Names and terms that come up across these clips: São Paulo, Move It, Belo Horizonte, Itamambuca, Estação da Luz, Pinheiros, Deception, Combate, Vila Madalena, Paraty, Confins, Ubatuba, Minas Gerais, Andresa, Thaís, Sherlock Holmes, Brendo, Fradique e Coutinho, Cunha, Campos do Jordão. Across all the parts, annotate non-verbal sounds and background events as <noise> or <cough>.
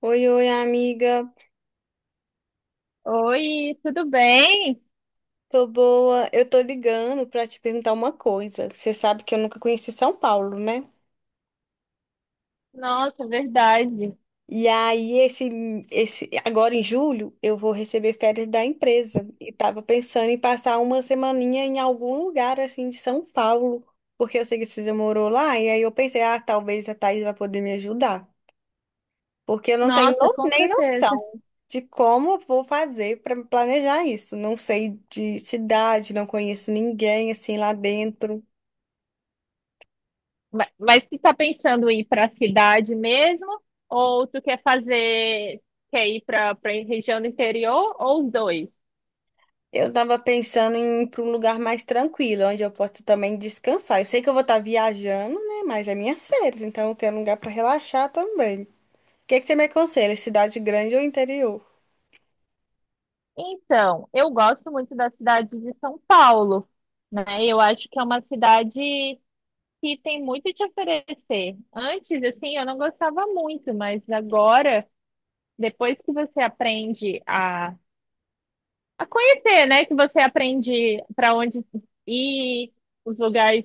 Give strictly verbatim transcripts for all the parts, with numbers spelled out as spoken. Oi, oi, amiga. Oi, tudo bem? Tô boa. Eu tô ligando pra te perguntar uma coisa. Você sabe que eu nunca conheci São Paulo, né? Nossa, verdade. E aí, esse, esse, agora em julho, eu vou receber férias da empresa. E tava pensando em passar uma semaninha em algum lugar, assim, de São Paulo. Porque eu sei que você já morou lá. E aí eu pensei, ah, talvez a Thaís vai poder me ajudar. Porque eu não tenho Nossa, no- com nem certeza. noção de como eu vou fazer para planejar isso. Não sei de cidade, não conheço ninguém assim lá dentro. Ma- Mas tu tá pensando em ir para a cidade mesmo? Ou tu quer fazer, quer ir para para região do interior ou os dois? Eu tava pensando em ir para um lugar mais tranquilo, onde eu posso também descansar. Eu sei que eu vou estar viajando, né? Mas é minhas férias, então eu quero um lugar para relaxar também. O que que você me aconselha? Cidade grande ou interior? Então, eu gosto muito da cidade de São Paulo, né? Eu acho que é uma cidade que tem muito te oferecer. Antes, assim, eu não gostava muito, mas agora, depois que você aprende a conhecer, né? Que você aprende para onde ir, os lugares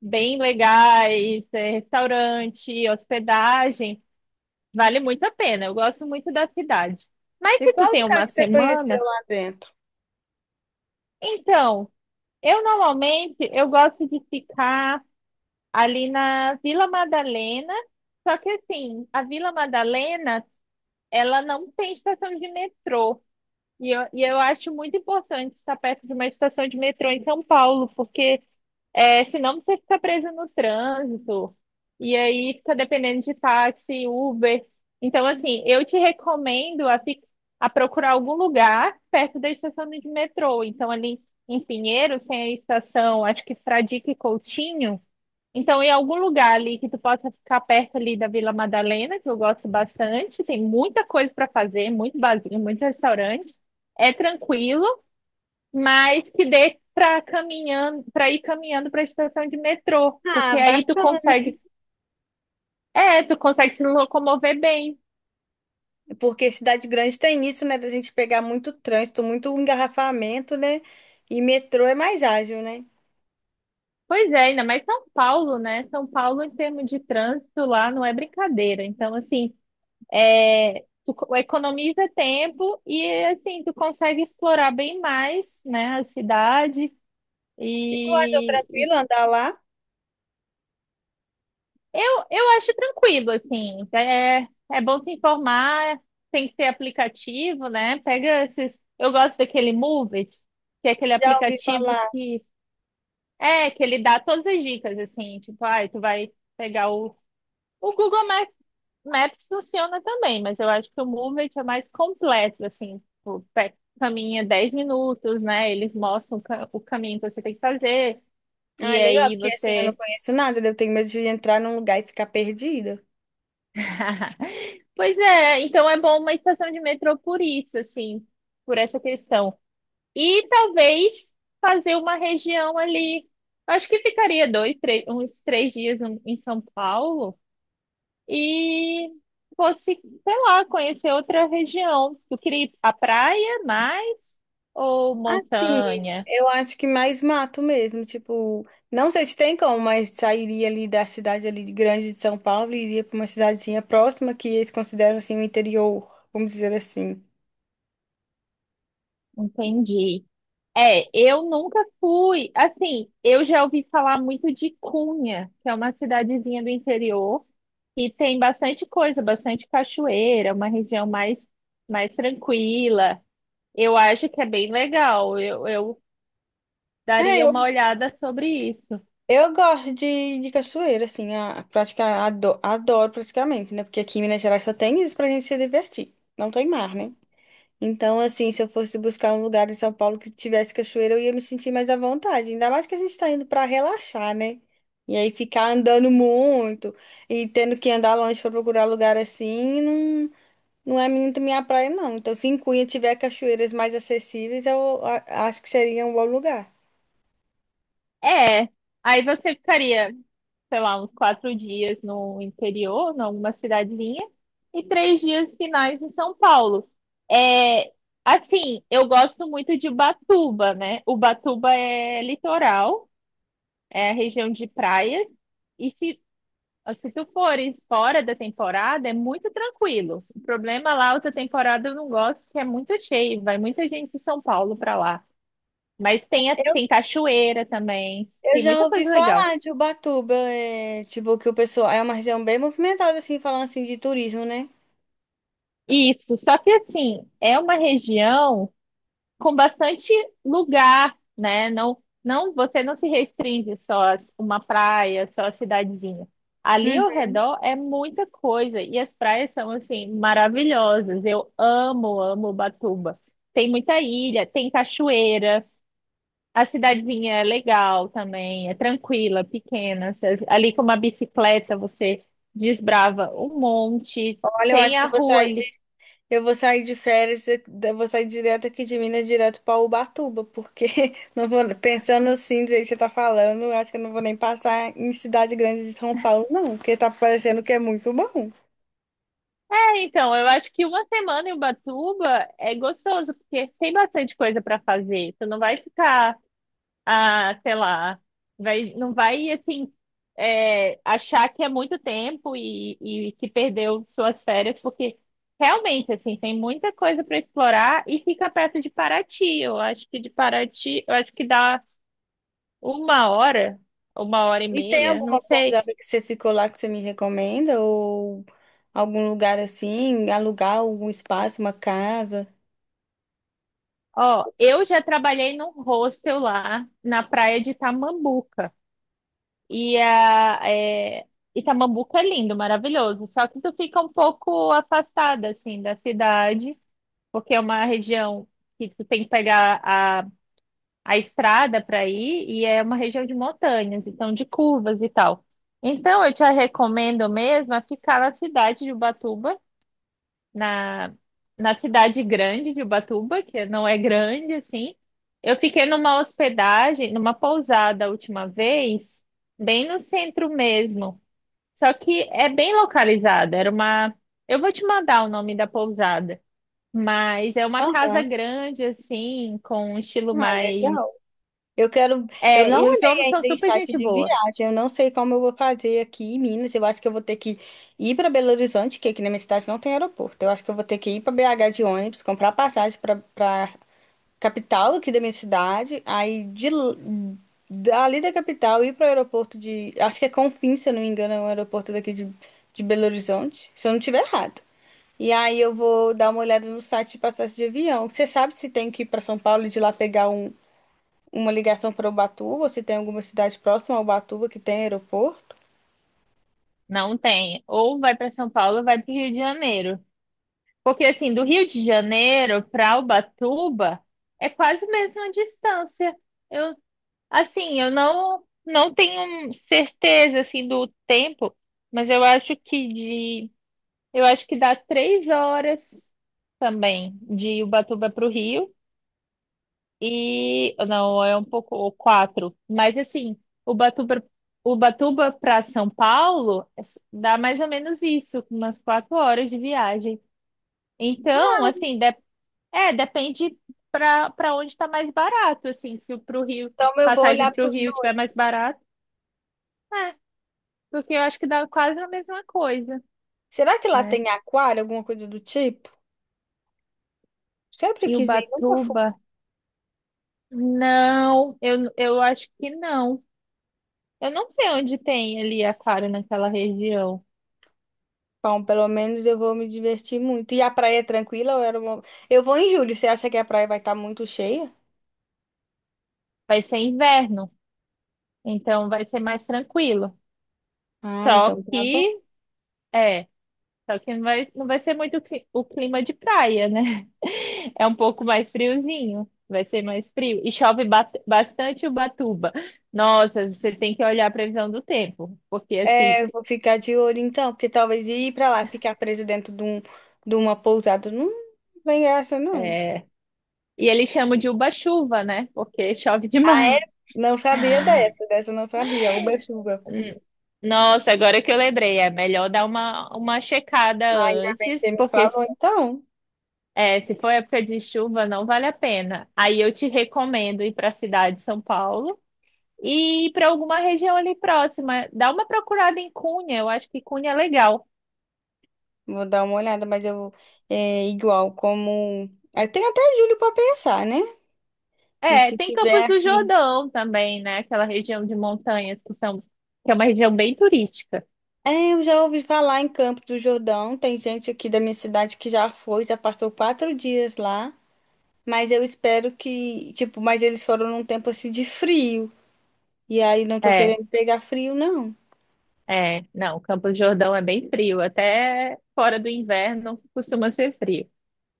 bem legais, eh, restaurante, hospedagem. Vale muito a pena. Eu gosto muito da cidade. Mas E se tu qual tem lugar uma que você conheceu semana, lá dentro? então, eu normalmente eu gosto de ficar ali na Vila Madalena. Só que assim, a Vila Madalena, ela não tem estação de metrô. E eu, e eu acho muito importante estar perto de uma estação de metrô em São Paulo, porque é, senão você fica preso no trânsito, e aí fica dependendo de táxi, Uber. Então, assim, eu te recomendo a, fi- a procurar algum lugar perto da estação de metrô. Então, ali em Pinheiros tem a estação, acho que Fradique e Coutinho. Então, em algum lugar ali que tu possa ficar perto ali da Vila Madalena, que eu gosto bastante, tem muita coisa para fazer, muito barzinho, muito restaurante é tranquilo, mas que dê para caminhando, para ir caminhando para a estação de metrô, Ah, porque aí tu bacana. consegue, é, tu consegue se locomover bem. Porque cidade grande tem isso, né? Da gente pegar muito trânsito, muito engarrafamento, né? E metrô é mais ágil, né? Pois é, ainda mais São Paulo, né? São Paulo, em termos de trânsito lá, não é brincadeira. Então, assim, é, tu co- economiza tempo e, assim, tu consegue explorar bem mais, né, a cidade. E tu achou E, tranquilo andar lá? Eu, eu acho tranquilo, assim. É, é bom se informar, tem que ter aplicativo, né? Pega esses. Eu gosto daquele Move It, que é aquele Já ouvi aplicativo falar. que é que ele dá todas as dicas, assim, tipo, ai, tu vai pegar o. O Google Ma- Maps funciona também, mas eu acho que o Move It é mais completo, assim, tipo, pe- caminha dez minutos, né? Eles mostram o ca- o caminho que você tem que fazer. Ah, E é legal, aí porque assim, eu não você conheço nada, né? Eu tenho medo de entrar num lugar e ficar perdida. <laughs> Pois é, então é bom uma estação de metrô por isso, assim, por essa questão. E talvez fazer uma região ali. Acho que ficaria dois, três, uns três dias em em São Paulo e fosse, sei lá, conhecer outra região. Eu queria ir à praia mais ou Assim, montanha. eu acho que mais mato mesmo, tipo, não sei se tem como, mas sairia ali da cidade ali de grande de São Paulo e iria para uma cidadezinha próxima que eles consideram assim o interior, vamos dizer assim. Entendi. É, eu nunca fui. Assim, eu já ouvi falar muito de Cunha, que é uma cidadezinha do interior, e tem bastante coisa, bastante cachoeira, uma região mais, mais tranquila. Eu acho que é bem legal. Eu, eu É, daria eu uma olhada sobre isso. Eu gosto de, de cachoeira, assim, a, a praticar, ado- adoro praticamente, né? Porque aqui em Minas Gerais só tem isso pra gente se divertir. Não tem mar, né? Então, assim, se eu fosse buscar um lugar em São Paulo que tivesse cachoeira, eu ia me sentir mais à vontade. Ainda mais que a gente tá indo pra relaxar, né? E aí ficar andando muito e tendo que andar longe pra procurar lugar assim, não, não é muito minha praia, não. Então, se em Cunha tiver cachoeiras mais acessíveis, eu a- acho que seria um bom lugar. É, aí você ficaria, sei lá, uns quatro dias no interior, numa cidadezinha, e três dias finais em São Paulo. É, assim, eu gosto muito de Ubatuba, né? Ubatuba é litoral, é a região de praias, e se, se tu fores fora da temporada, é muito tranquilo. O problema lá, outra temporada eu não gosto, que é muito cheio, vai muita gente de São Paulo para lá. Mas tem, a- tem cachoeira também, Eu tem já muita ouvi coisa legal. falar de Ubatuba, é, tipo, que o pessoal, é uma região bem movimentada, assim, falando assim de turismo, né? Isso, só que assim, é uma região com bastante lugar, né? Não, não, você não se restringe só a uma praia, só a cidadezinha. Ali Hum. ao redor é muita coisa e as praias são assim maravilhosas. Eu amo, amo Ubatuba. Tem muita ilha, tem cachoeira. A cidadezinha é legal também, é tranquila, pequena. Você- Ali com uma bicicleta você desbrava um monte. Olha, eu Tem acho que a eu vou rua sair de, ali. eu vou sair de férias, eu vou sair direto aqui de Minas, direto para Ubatuba, porque <laughs> não vou, pensando assim, do jeito que você tá falando, eu acho que eu não vou nem passar em cidade grande de São Paulo, não, porque tá parecendo que é muito bom. É, então, eu acho que uma semana em Ubatuba é gostoso, porque tem bastante coisa para fazer. Tu não vai ficar, ah, sei lá, vai, não vai assim é, achar que é muito tempo e, e que perdeu suas férias, porque realmente assim tem muita coisa para explorar e fica perto de Paraty. Eu acho que de Paraty, eu acho que dá uma hora, uma hora e E tem meia, não alguma sei. pousada que você ficou lá que você me recomenda? Ou algum lugar assim, alugar algum espaço, uma casa? Ó, eu já trabalhei num hostel lá na praia de Tamambuca. E a, é, Itamambuca é lindo, maravilhoso. Só que tu fica um pouco afastada, assim, da cidade, porque é uma região que tu tem que pegar a, a estrada para ir, e é uma região de montanhas, então de curvas e tal. Então, eu te recomendo mesmo a ficar na cidade de Ubatuba, na, na cidade grande de Ubatuba, que não é grande assim. Eu fiquei numa hospedagem, numa pousada a última vez, bem no centro mesmo. Só que é bem localizada, era uma. Eu vou te mandar o nome da pousada, mas é uma casa Aham. grande, assim, com um estilo Ah, mais. legal. Eu quero. Eu É, não e os olhei homens são ainda em super site gente de boa. viagem. Eu não sei como eu vou fazer aqui em Minas. Eu acho que eu vou ter que ir para Belo Horizonte, que aqui na minha cidade não tem aeroporto. Eu acho que eu vou ter que ir para B H de ônibus, comprar passagem para para capital aqui da minha cidade. Aí de l- dali da capital ir para o aeroporto de. Acho que é Confins, se eu não me engano, é um aeroporto daqui de, de Belo Horizonte. Se eu não estiver errado. E aí eu vou dar uma olhada no site de passagem de avião. Você sabe se tem que ir para São Paulo e de lá pegar um uma ligação para Ubatuba, se tem alguma cidade próxima a Ubatuba que tem aeroporto. Não tem. Ou vai para São Paulo, ou vai para o Rio de Janeiro. Porque assim, do Rio de Janeiro para Ubatuba é quase a mesma distância. Eu, assim, eu não não tenho certeza assim do tempo, mas eu acho que de eu acho que dá três horas também de Ubatuba para o Rio e não é um pouco ou quatro, mas assim Ubatuba Ubatuba para São Paulo dá mais ou menos isso, umas quatro horas de viagem. Então, assim, é, depende para para onde está mais barato, assim, se o pro Rio, Então eu vou passagem olhar para para o os Rio tiver dois. mais barato, é, porque eu acho que dá quase a mesma coisa, Será que lá né? tem aquário, alguma coisa do tipo? Sempre E quis ir, nunca fui. Ubatuba, não, eu, eu acho que não. Eu não sei onde tem ali a Clara naquela região. Bom, pelo menos eu vou me divertir muito. E a praia é tranquila? Ou era uma- eu vou em julho. Você acha que a praia vai estar muito cheia? Vai ser inverno, então vai ser mais tranquilo. Ah, Só então tá bom. que, é, só que não vai, não vai ser muito cli- o clima de praia, né? É um pouco mais friozinho, vai ser mais frio. E chove ba- bastante Ubatuba. Nossa, você tem que olhar a previsão do tempo, porque assim, É, eu vou ficar de olho então, porque talvez ir pra lá, ficar preso dentro de, um, de uma pousada, não tem graça, não. é... e eles chamam de Uba-chuva, né? Porque chove demais. Não sabia Ah, dessa, dessa eu não sabia. Uba chuva. hum. Nossa, agora que eu lembrei, é melhor dar uma, uma checada Ah, ainda bem que você antes, me porque falou então. é, se for época de chuva, não vale a pena. Aí eu te recomendo ir para a cidade de São Paulo, e ir para alguma região ali próxima. Dá uma procurada em Cunha, eu acho que Cunha é legal. Vou dar uma olhada, mas eu é igual como. Eu tenho até julho para pensar, né? E É, se tem tiver Campos do assim. Jordão também, né? Aquela região de montanhas que são, que é uma região bem turística. É, eu já ouvi falar em Campos do Jordão. Tem gente aqui da minha cidade que já foi, já passou quatro dias lá. Mas eu espero que, tipo, mas eles foram num tempo assim de frio. E aí não tô É, querendo pegar frio, não. é, não, Campos do Jordão é bem frio, até fora do inverno costuma ser frio.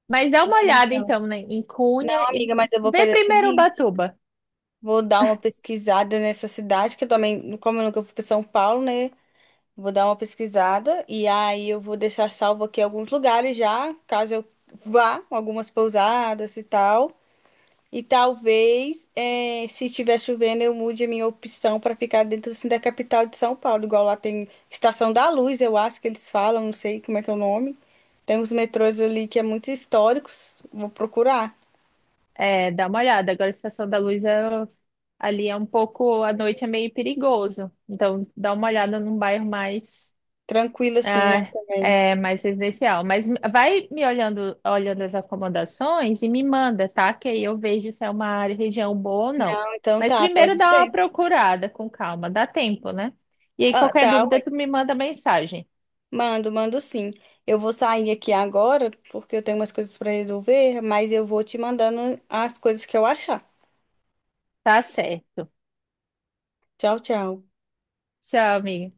Mas dá uma É, olhada então. então, né, em Não, Cunha e amiga, mas eu vou vê fazer o primeiro seguinte. Ubatuba. Vou dar uma pesquisada nessa cidade, que eu também, como eu nunca fui para São Paulo, né? Vou dar uma pesquisada e aí eu vou deixar salvo aqui alguns lugares já, caso eu vá, algumas pousadas e tal. E talvez, eh, se estiver chovendo, eu mude a minha opção para ficar dentro assim, da capital de São Paulo. Igual lá tem Estação da Luz, eu acho que eles falam, não sei como é que é o nome. Tem uns metrôs ali que é muito históricos. Vou procurar. É, dá uma olhada. Agora a Estação da Luz é- ali é um pouco, à noite é meio perigoso. Então dá uma olhada num bairro mais. Tranquilo assim, né, Ah, também. é mais residencial. Mas vai me olhando, olhando as acomodações e me manda, tá? Que aí eu vejo se é uma área, região boa ou não. Então Mas tá, pode primeiro dá uma ser. procurada com calma, dá tempo, né? E aí Ah, qualquer tá, dúvida tu me manda mensagem. mando, mando sim. Eu vou sair aqui agora, porque eu tenho umas coisas para resolver, mas eu vou te mandando as coisas que eu achar. Tá certo. Tchau, tchau. Tchau, amiga.